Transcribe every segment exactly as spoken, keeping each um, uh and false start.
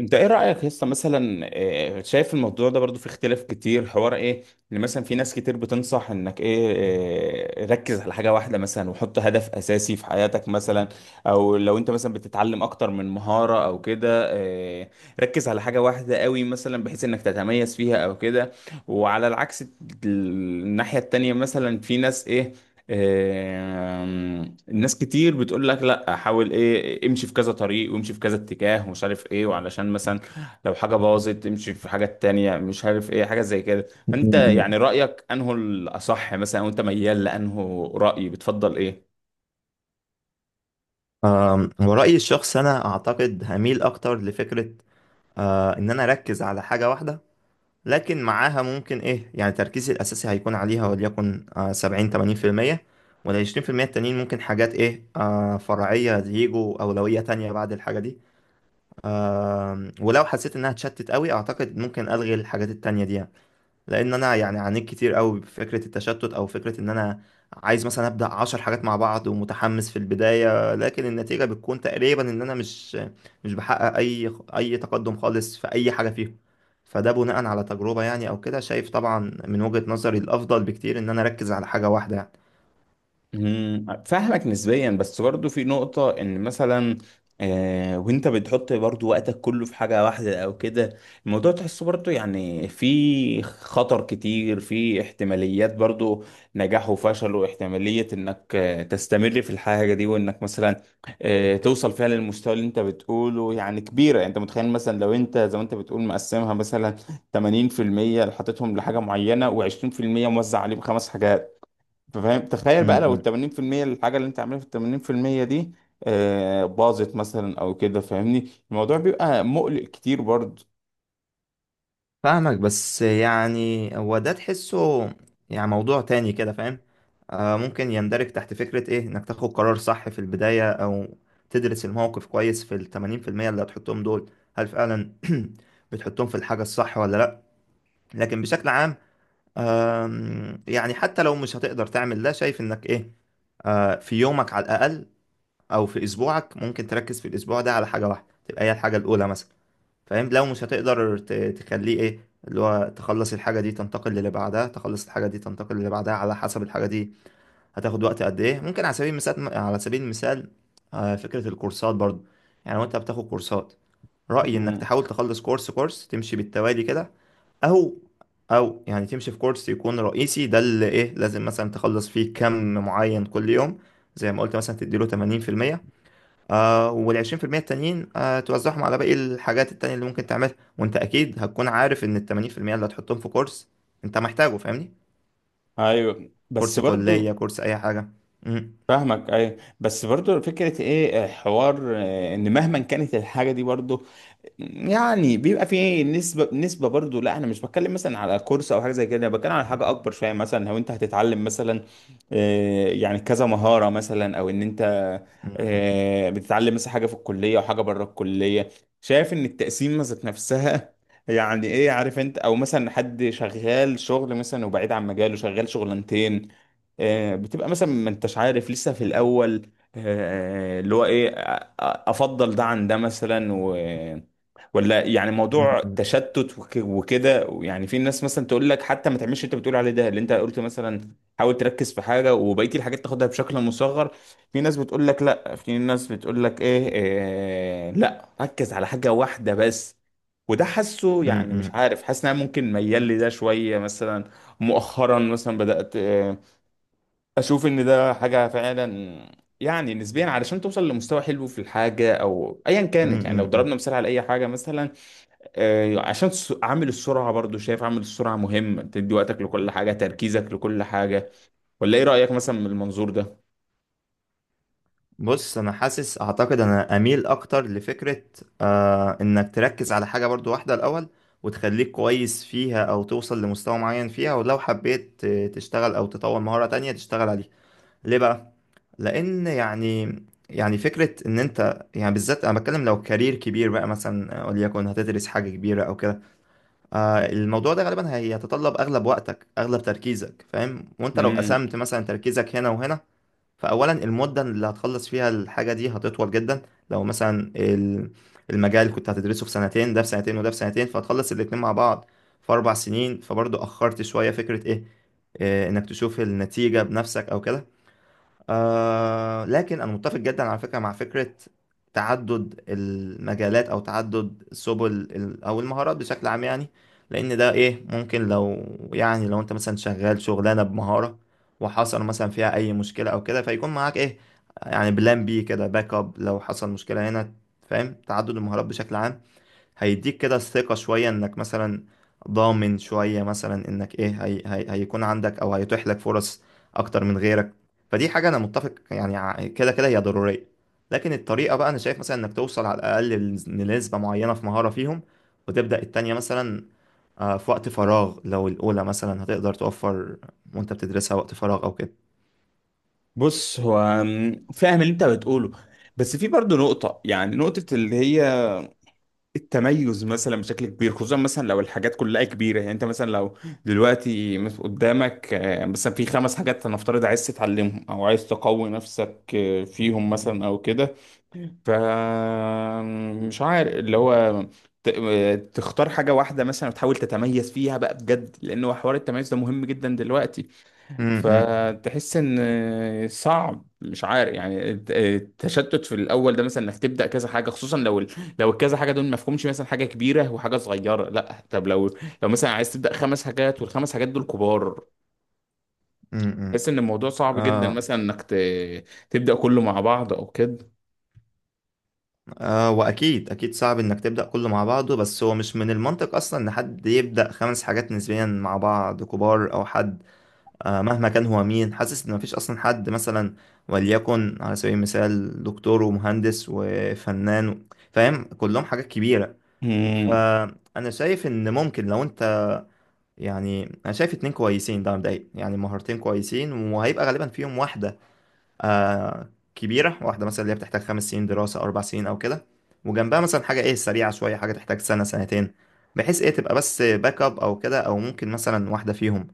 انت ايه رايك يا اسطى مثلا، آه، شايف الموضوع ده برضو في اختلاف كتير. حوار ايه اللي مثلا في ناس كتير بتنصح انك ايه؟ آه، ركز على حاجه واحده مثلا، وحط هدف اساسي في حياتك مثلا. او لو انت مثلا بتتعلم اكتر من مهاره او كده، آه، ركز على حاجه واحده قوي مثلا بحيث انك تتميز فيها او كده. وعلى العكس الناحية التانية مثلا في ناس ايه، آم، الناس كتير بتقول لك لا، حاول ايه، امشي في كذا طريق، وامشي في كذا اتجاه ومش عارف ايه، وعلشان مثلا لو حاجة باظت امشي في حاجة تانية مش عارف ايه حاجة زي كده. فانت م-م-م. يعني رأيك انه الاصح مثلا، وانت ميال لانه رأي بتفضل ايه؟ آم، ورأيي الشخصي أنا أعتقد هميل أكتر لفكرة آه، إن أنا أركز على حاجة واحدة. لكن معاها ممكن إيه يعني تركيزي الأساسي هيكون عليها وليكن آه، سبعين تمانين في المية، والعشرين في المية التانيين ممكن حاجات إيه آه، فرعية يجوا أولوية تانية بعد الحاجة دي. آم، ولو حسيت إنها اتشتت قوي أعتقد ممكن ألغي الحاجات التانية دي يعني. لان انا يعني عانيت كتير قوي بفكره التشتت او فكره ان انا عايز مثلا ابدا عشر حاجات مع بعض ومتحمس في البدايه، لكن النتيجه بتكون تقريبا ان انا مش مش بحقق اي اي تقدم خالص في اي حاجه فيهم. فده بناء على تجربه يعني او كده، شايف طبعا. من وجهه نظري الافضل بكتير ان انا اركز على حاجه واحده يعني. مم، فاهمك نسبيا، بس برضو في نقطة ان مثلا آه وانت بتحط برضو وقتك كله في حاجة واحدة او كده، الموضوع تحسه برضو يعني في خطر كتير، في احتماليات برضو نجاح وفشل، واحتمالية انك آه تستمر في الحاجة دي، وانك مثلا آه توصل فيها للمستوى اللي انت بتقوله يعني كبيرة. يعني انت متخيل مثلا لو انت زي ما انت بتقول مقسمها مثلا تمانين في المية اللي حاططهم لحاجة معينة و20% موزع عليهم خمس حاجات، فاهم؟ تخيل م- بقى لو ال م. تمانين في المية الحاجة اللي انت عاملها في ال تمانين في المية دي آه، باظت مثلا او كده، فاهمني؟ الموضوع بيبقى مقلق كتير برضه. فاهمك، بس يعني هو ده تحسه يعني موضوع تاني كده، فاهم. آه ممكن يندرج تحت فكرة ايه انك تاخد قرار صح في البداية، او تدرس الموقف كويس في التمانين في المية اللي هتحطهم دول، هل فعلا بتحطهم في الحاجة الصح ولا لأ. لكن بشكل عام آم، يعني حتى لو مش هتقدر تعمل ده شايف انك ايه، آه في يومك على الأقل او في اسبوعك ممكن تركز في الاسبوع ده على حاجة واحدة تبقى هي الحاجة الأولى مثلا. فاهم لو مش هتقدر ت- تخليه ايه، اللي هو تخلص الحاجة دي تنتقل للي بعدها، تخلص الحاجة دي تنتقل للي بعدها على حسب الحاجة دي هتاخد وقت قد ايه. ممكن على سبيل المثال على سبيل المثال آه، فكرة الكورسات برضو، يعني وانت بتاخد كورسات، رأيي انك مم. تحاول تخلص كورس كورس تمشي بالتوالي كده. او او يعني تمشي في كورس يكون رئيسي، ده اللي ايه لازم مثلا تخلص فيه كم معين كل يوم. زي ما قلت مثلا تديله تمانين في المية، آه وال20% التانيين آه توزعهم على باقي الحاجات التانية اللي ممكن تعملها، وانت اكيد هتكون عارف ان ال80% اللي هتحطهم في كورس انت محتاجه، فاهمني. ايوه بس كورس كلية برضو كورس اي حاجة. مم. فاهمك. ايوه بس برضو فكره ايه، آه، حوار، آه، ان مهما كانت الحاجه دي برضو يعني بيبقى في نسبة نسبة برضو. لا، انا مش بتكلم مثلا على كورس او حاجة زي كده، انا بتكلم على حاجة اكبر شوية. مثلا لو انت هتتعلم مثلا آه، يعني كذا مهارة مثلا، او ان انت مم. آه، بتتعلم مثلا حاجة في الكلية وحاجة بره الكلية. شايف ان التقسيم ذات نفسها يعني ايه، عارف انت؟ او مثلا حد شغال شغل مثلا وبعيد عن مجاله، شغال شغلانتين، آه، بتبقى مثلا ما انتش عارف لسه في الاول آه، اللي هو ايه، أ- أ- افضل ده عن ده مثلا، ولا يعني موضوع مم. تشتت وك- وكده. يعني في ناس مثلا تقول لك حتى ما تعملش اللي انت بتقول عليه ده، اللي انت قلت مثلا حاول تركز في حاجه وبقيه الحاجات تاخدها بشكل مصغر. في ناس بتقول لك لا، في ناس بتقول لك ايه, إيه، لا ركز على حاجه واحده بس. وده حاسه يعني مش مم. عارف، حاسس ان انا ممكن ميال لي ده شويه مثلا، مؤخرا مثلا بدات آه، اشوف ان ده حاجه فعلا. يعني نسبيا علشان توصل لمستوى حلو في الحاجه او ايا مم. كانت، يعني لو مم. مم. ضربنا مثال على اي حاجه مثلا، آه، عشان الس- عامل السرعة برضو. شايف عامل السرعة مهم، تدي وقتك لكل حاجة، تركيزك لكل حاجة، ولا ايه رأيك مثلا من المنظور ده؟ بص انا حاسس اعتقد انا اميل اكتر لفكرة آه انك تركز على حاجة برضو واحدة الاول، وتخليك كويس فيها او توصل لمستوى معين فيها، ولو حبيت آه، تشتغل او تطور مهارة تانية تشتغل عليها. ليه بقى؟ لان يعني يعني فكره ان انت يعني بالذات انا بتكلم لو كارير كبير بقى مثلا آه، وليكن هتدرس حاجه كبيره او كده. آه الموضوع ده غالبا هيتطلب اغلب وقتك اغلب تركيزك، فاهم. وانت لو مم. قسمت مثلا تركيزك هنا وهنا، فاولا المده اللي هتخلص فيها الحاجه دي هتطول جدا. لو مثلا ال- المجال كنت هتدرسه في سنتين، ده في سنتين وده في سنتين، فهتخلص الاتنين مع بعض في اربع سنين، فبرضه اخرت شويه. فكره ايه آه، انك تشوف النتيجة بنفسك او كده. آه لكن أنا متفق جدا على فكرة مع فكرة تعدد المجالات أو تعدد سبل ال- أو المهارات بشكل عام يعني. لأن ده إيه ممكن لو يعني لو أنت مثلا شغال شغلانة بمهارة، وحصل مثلا فيها أي مشكلة أو كده، فيكون معاك إيه، يعني بلان بي كده باك أب لو حصل مشكلة هنا، فاهم. تعدد المهارات بشكل عام هيديك كده الثقة شوية انك مثلا ضامن شوية مثلا انك ايه هي هي هيكون عندك، او هيتيح لك فرص اكتر من غيرك. فدي حاجة انا متفق يعني ع- كده كده هي ضرورية. لكن الطريقة بقى انا شايف مثلا انك توصل على الاقل لنسبة معينة في مهارة فيهم، وتبدأ التانية مثلا آه، في وقت فراغ لو الاولى مثلا هتقدر توفر وانت بتدرسها وقت فراغ او كده. بص، هو مم، فاهم اللي انت بتقوله، بس في برضو نقطة، يعني نقطة اللي هي التميز مثلا بشكل كبير، خصوصا مثلا لو الحاجات كلها كبيرة. يعني انت مثلا لو دلوقتي مس- قدامك آه، مثلا في خمس حاجات هنفترض عايز تتعلمهم، او عايز تقوي نفسك آه، فيهم مثلا او كده، فمش عارف اللي هو ت- تختار حاجة واحدة مثلا وتحاول تتميز فيها بقى بجد، لأن هو حوار التميز ده مهم جدا دلوقتي. امم فتحس إن صعب، مش عارف يعني الت- التشتت في الأول ده مثلا، إنك تبدأ كذا حاجة، خصوصا لو ال- لو الكذا حاجة دول مفهومش مثلا حاجة كبيرة وحاجة صغيرة. لا طب لو لو مثلا عايز تبدأ خمس حاجات والخمس حاجات دول كبار، تحس إن الموضوع صعب جدا امم مثلا إنك ت- تبدأ كله مع بعض أو كده. آه واكيد اكيد صعب انك تبدا كله مع بعضه، بس هو مش من المنطق اصلا ان حد يبدا خمس حاجات نسبيا مع بعض كبار او حد. آه مهما كان هو مين، حاسس ان مفيش اصلا حد مثلا وليكن على سبيل المثال دكتور ومهندس وفنان، فاهم كلهم حاجات كبيره. امم. فانا شايف ان ممكن لو انت يعني انا شايف اتنين كويسين ده مبدئيا، يعني مهارتين كويسين، وهيبقى غالبا فيهم واحده آه كبيرة، واحدة مثلا اللي هي بتحتاج خمس سنين دراسة أو أربع سنين أو كده، وجنبها مثلا حاجة إيه سريعة شوية، حاجة تحتاج سنة سنتين، بحيث إيه تبقى بس باك أب أو كده. أو ممكن مثلا واحدة فيهم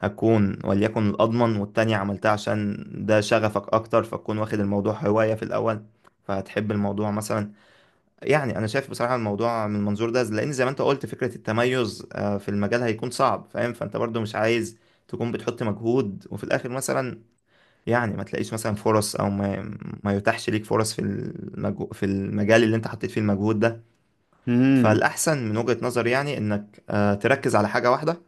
هتكون وليكن الأضمن، والتانية عملتها عشان ده شغفك أكتر، فتكون واخد الموضوع هواية في الأول فهتحب الموضوع مثلا. يعني أنا شايف بصراحة الموضوع من المنظور ده، لأن زي ما أنت قلت فكرة التميز آه، في المجال هيكون صعب، فاهم، فأنت برضو مش عايز تكون بتحط مجهود وفي الآخر مثلا يعني ما تلاقيش مثلا فرص، او ما, ما يتاحش ليك فرص في المجو... في المجال اللي انت حطيت فيه المجهود ده. امم. فالاحسن من وجهة نظري يعني انك آه، تركز على حاجة واحدة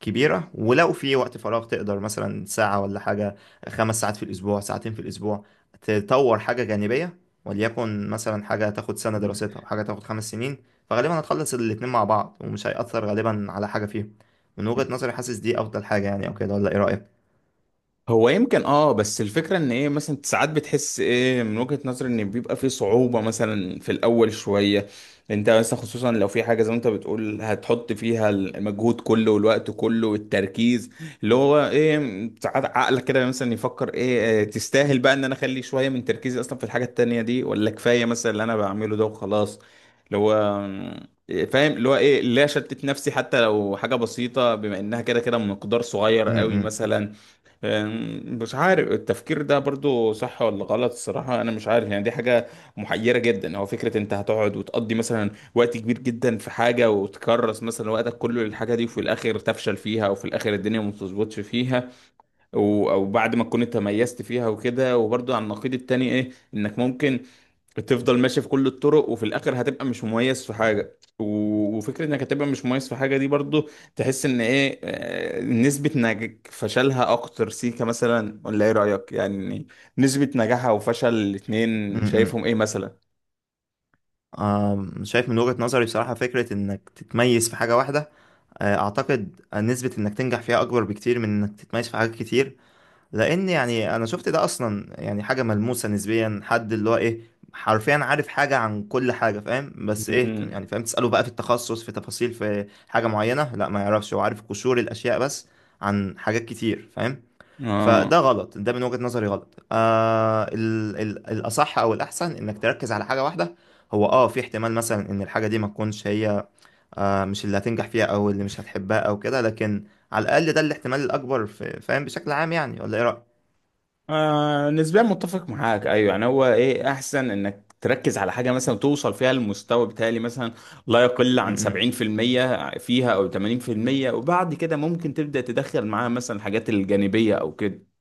كبيرة، ولو في وقت فراغ تقدر مثلا ساعة ولا حاجة، خمس ساعات في الاسبوع، ساعتين في الاسبوع تطور حاجة جانبية، وليكن مثلا حاجة تاخد سنة دراستها وحاجة تاخد خمس سنين، فغالبا هتخلص الاتنين مع بعض ومش هيأثر غالبا على حاجة فيهم. من وجهة نظري حاسس دي افضل حاجة يعني او كده، ولا ايه رأيك؟ هو يمكن اه، بس الفكرة ان ايه، مثلا ساعات بتحس ايه من وجهة نظري ان بيبقى في صعوبة مثلا في الاول شوية. انت مثلا خصوصا لو في حاجة زي ما انت بتقول هتحط فيها المجهود كله والوقت كله والتركيز، اللي هو ايه، ساعات عقلك كده مثلا يفكر ايه، آه، تستاهل بقى ان انا اخلي شوية من تركيزي اصلا في الحاجة التانية دي، ولا كفاية مثلا اللي انا بعمله ده وخلاص، اللي هو آه، فاهم اللي هو ايه، لا شتت نفسي حتى لو حاجة بسيطة بما انها كده كده مقدار صغير م- قوي م- مثلا. أم، مش عارف التفكير ده برضو صح ولا غلط، الصراحة أنا مش عارف. يعني دي حاجة محيرة جدا. هو فكرة أنت هتقعد وتقضي مثلا وقت كبير جدا في حاجة وتكرس مثلا وقتك كله للحاجة دي، وفي الآخر تفشل فيها، وفي الآخر الدنيا ما بتظبطش فيها، و- أو بعد ما تكون أنت ميزت فيها وكده. وبرضو على النقيض التاني إيه، إنك ممكن تفضل ماشي في كل الطرق وفي الاخر هتبقى مش مميز في حاجه، و- وفكره انك هتبقى مش مميز في حاجه دي برضو، تحس ان ايه، آه، نسبه نج فشلها اكتر سيكا مثلا، ولا ايه رايك يعني؟ نسبه نجاحها وفشل م- الاتنين شايفهم م. ايه مثلا؟ آم، شايف من وجهة نظري بصراحة فكرة إنك تتميز في حاجة واحدة آه، أعتقد نسبة إنك تنجح فيها أكبر بكتير من إنك تتميز في حاجات كتير. لأن يعني أنا شفت ده أصلا يعني حاجة ملموسة نسبيا، حد اللي هو إيه حرفيا عارف حاجة عن كل حاجة، فاهم، بس إيه مم. يعني، فاهم، تسأله بقى في التخصص في تفاصيل في حاجة معينة لا ما يعرفش، هو عارف قشور الأشياء بس عن حاجات كتير، فاهم. اه، فده غلط، ده من وجهة نظري غلط. آه ال ال الأصح أو الأحسن إنك تركز على حاجة واحدة. هو اه في احتمال مثلا ان الحاجة دي ما تكونش هي آه مش اللي هتنجح فيها او اللي مش هتحبها او كده، لكن على الأقل ده الاحتمال الأكبر في- فاهم بشكل عام يعني. ولا ايه رأيك؟ آه نسبيا متفق معاك، ايوه. يعني هو ايه احسن انك تركز على حاجه مثلا توصل فيها المستوى بتاعي مثلا لا يقل م- عن م. سبعين في المية فيها او تمانين في المية، وبعد كده ممكن تبدا تدخل معاها مثلا الحاجات الجانبيه او كده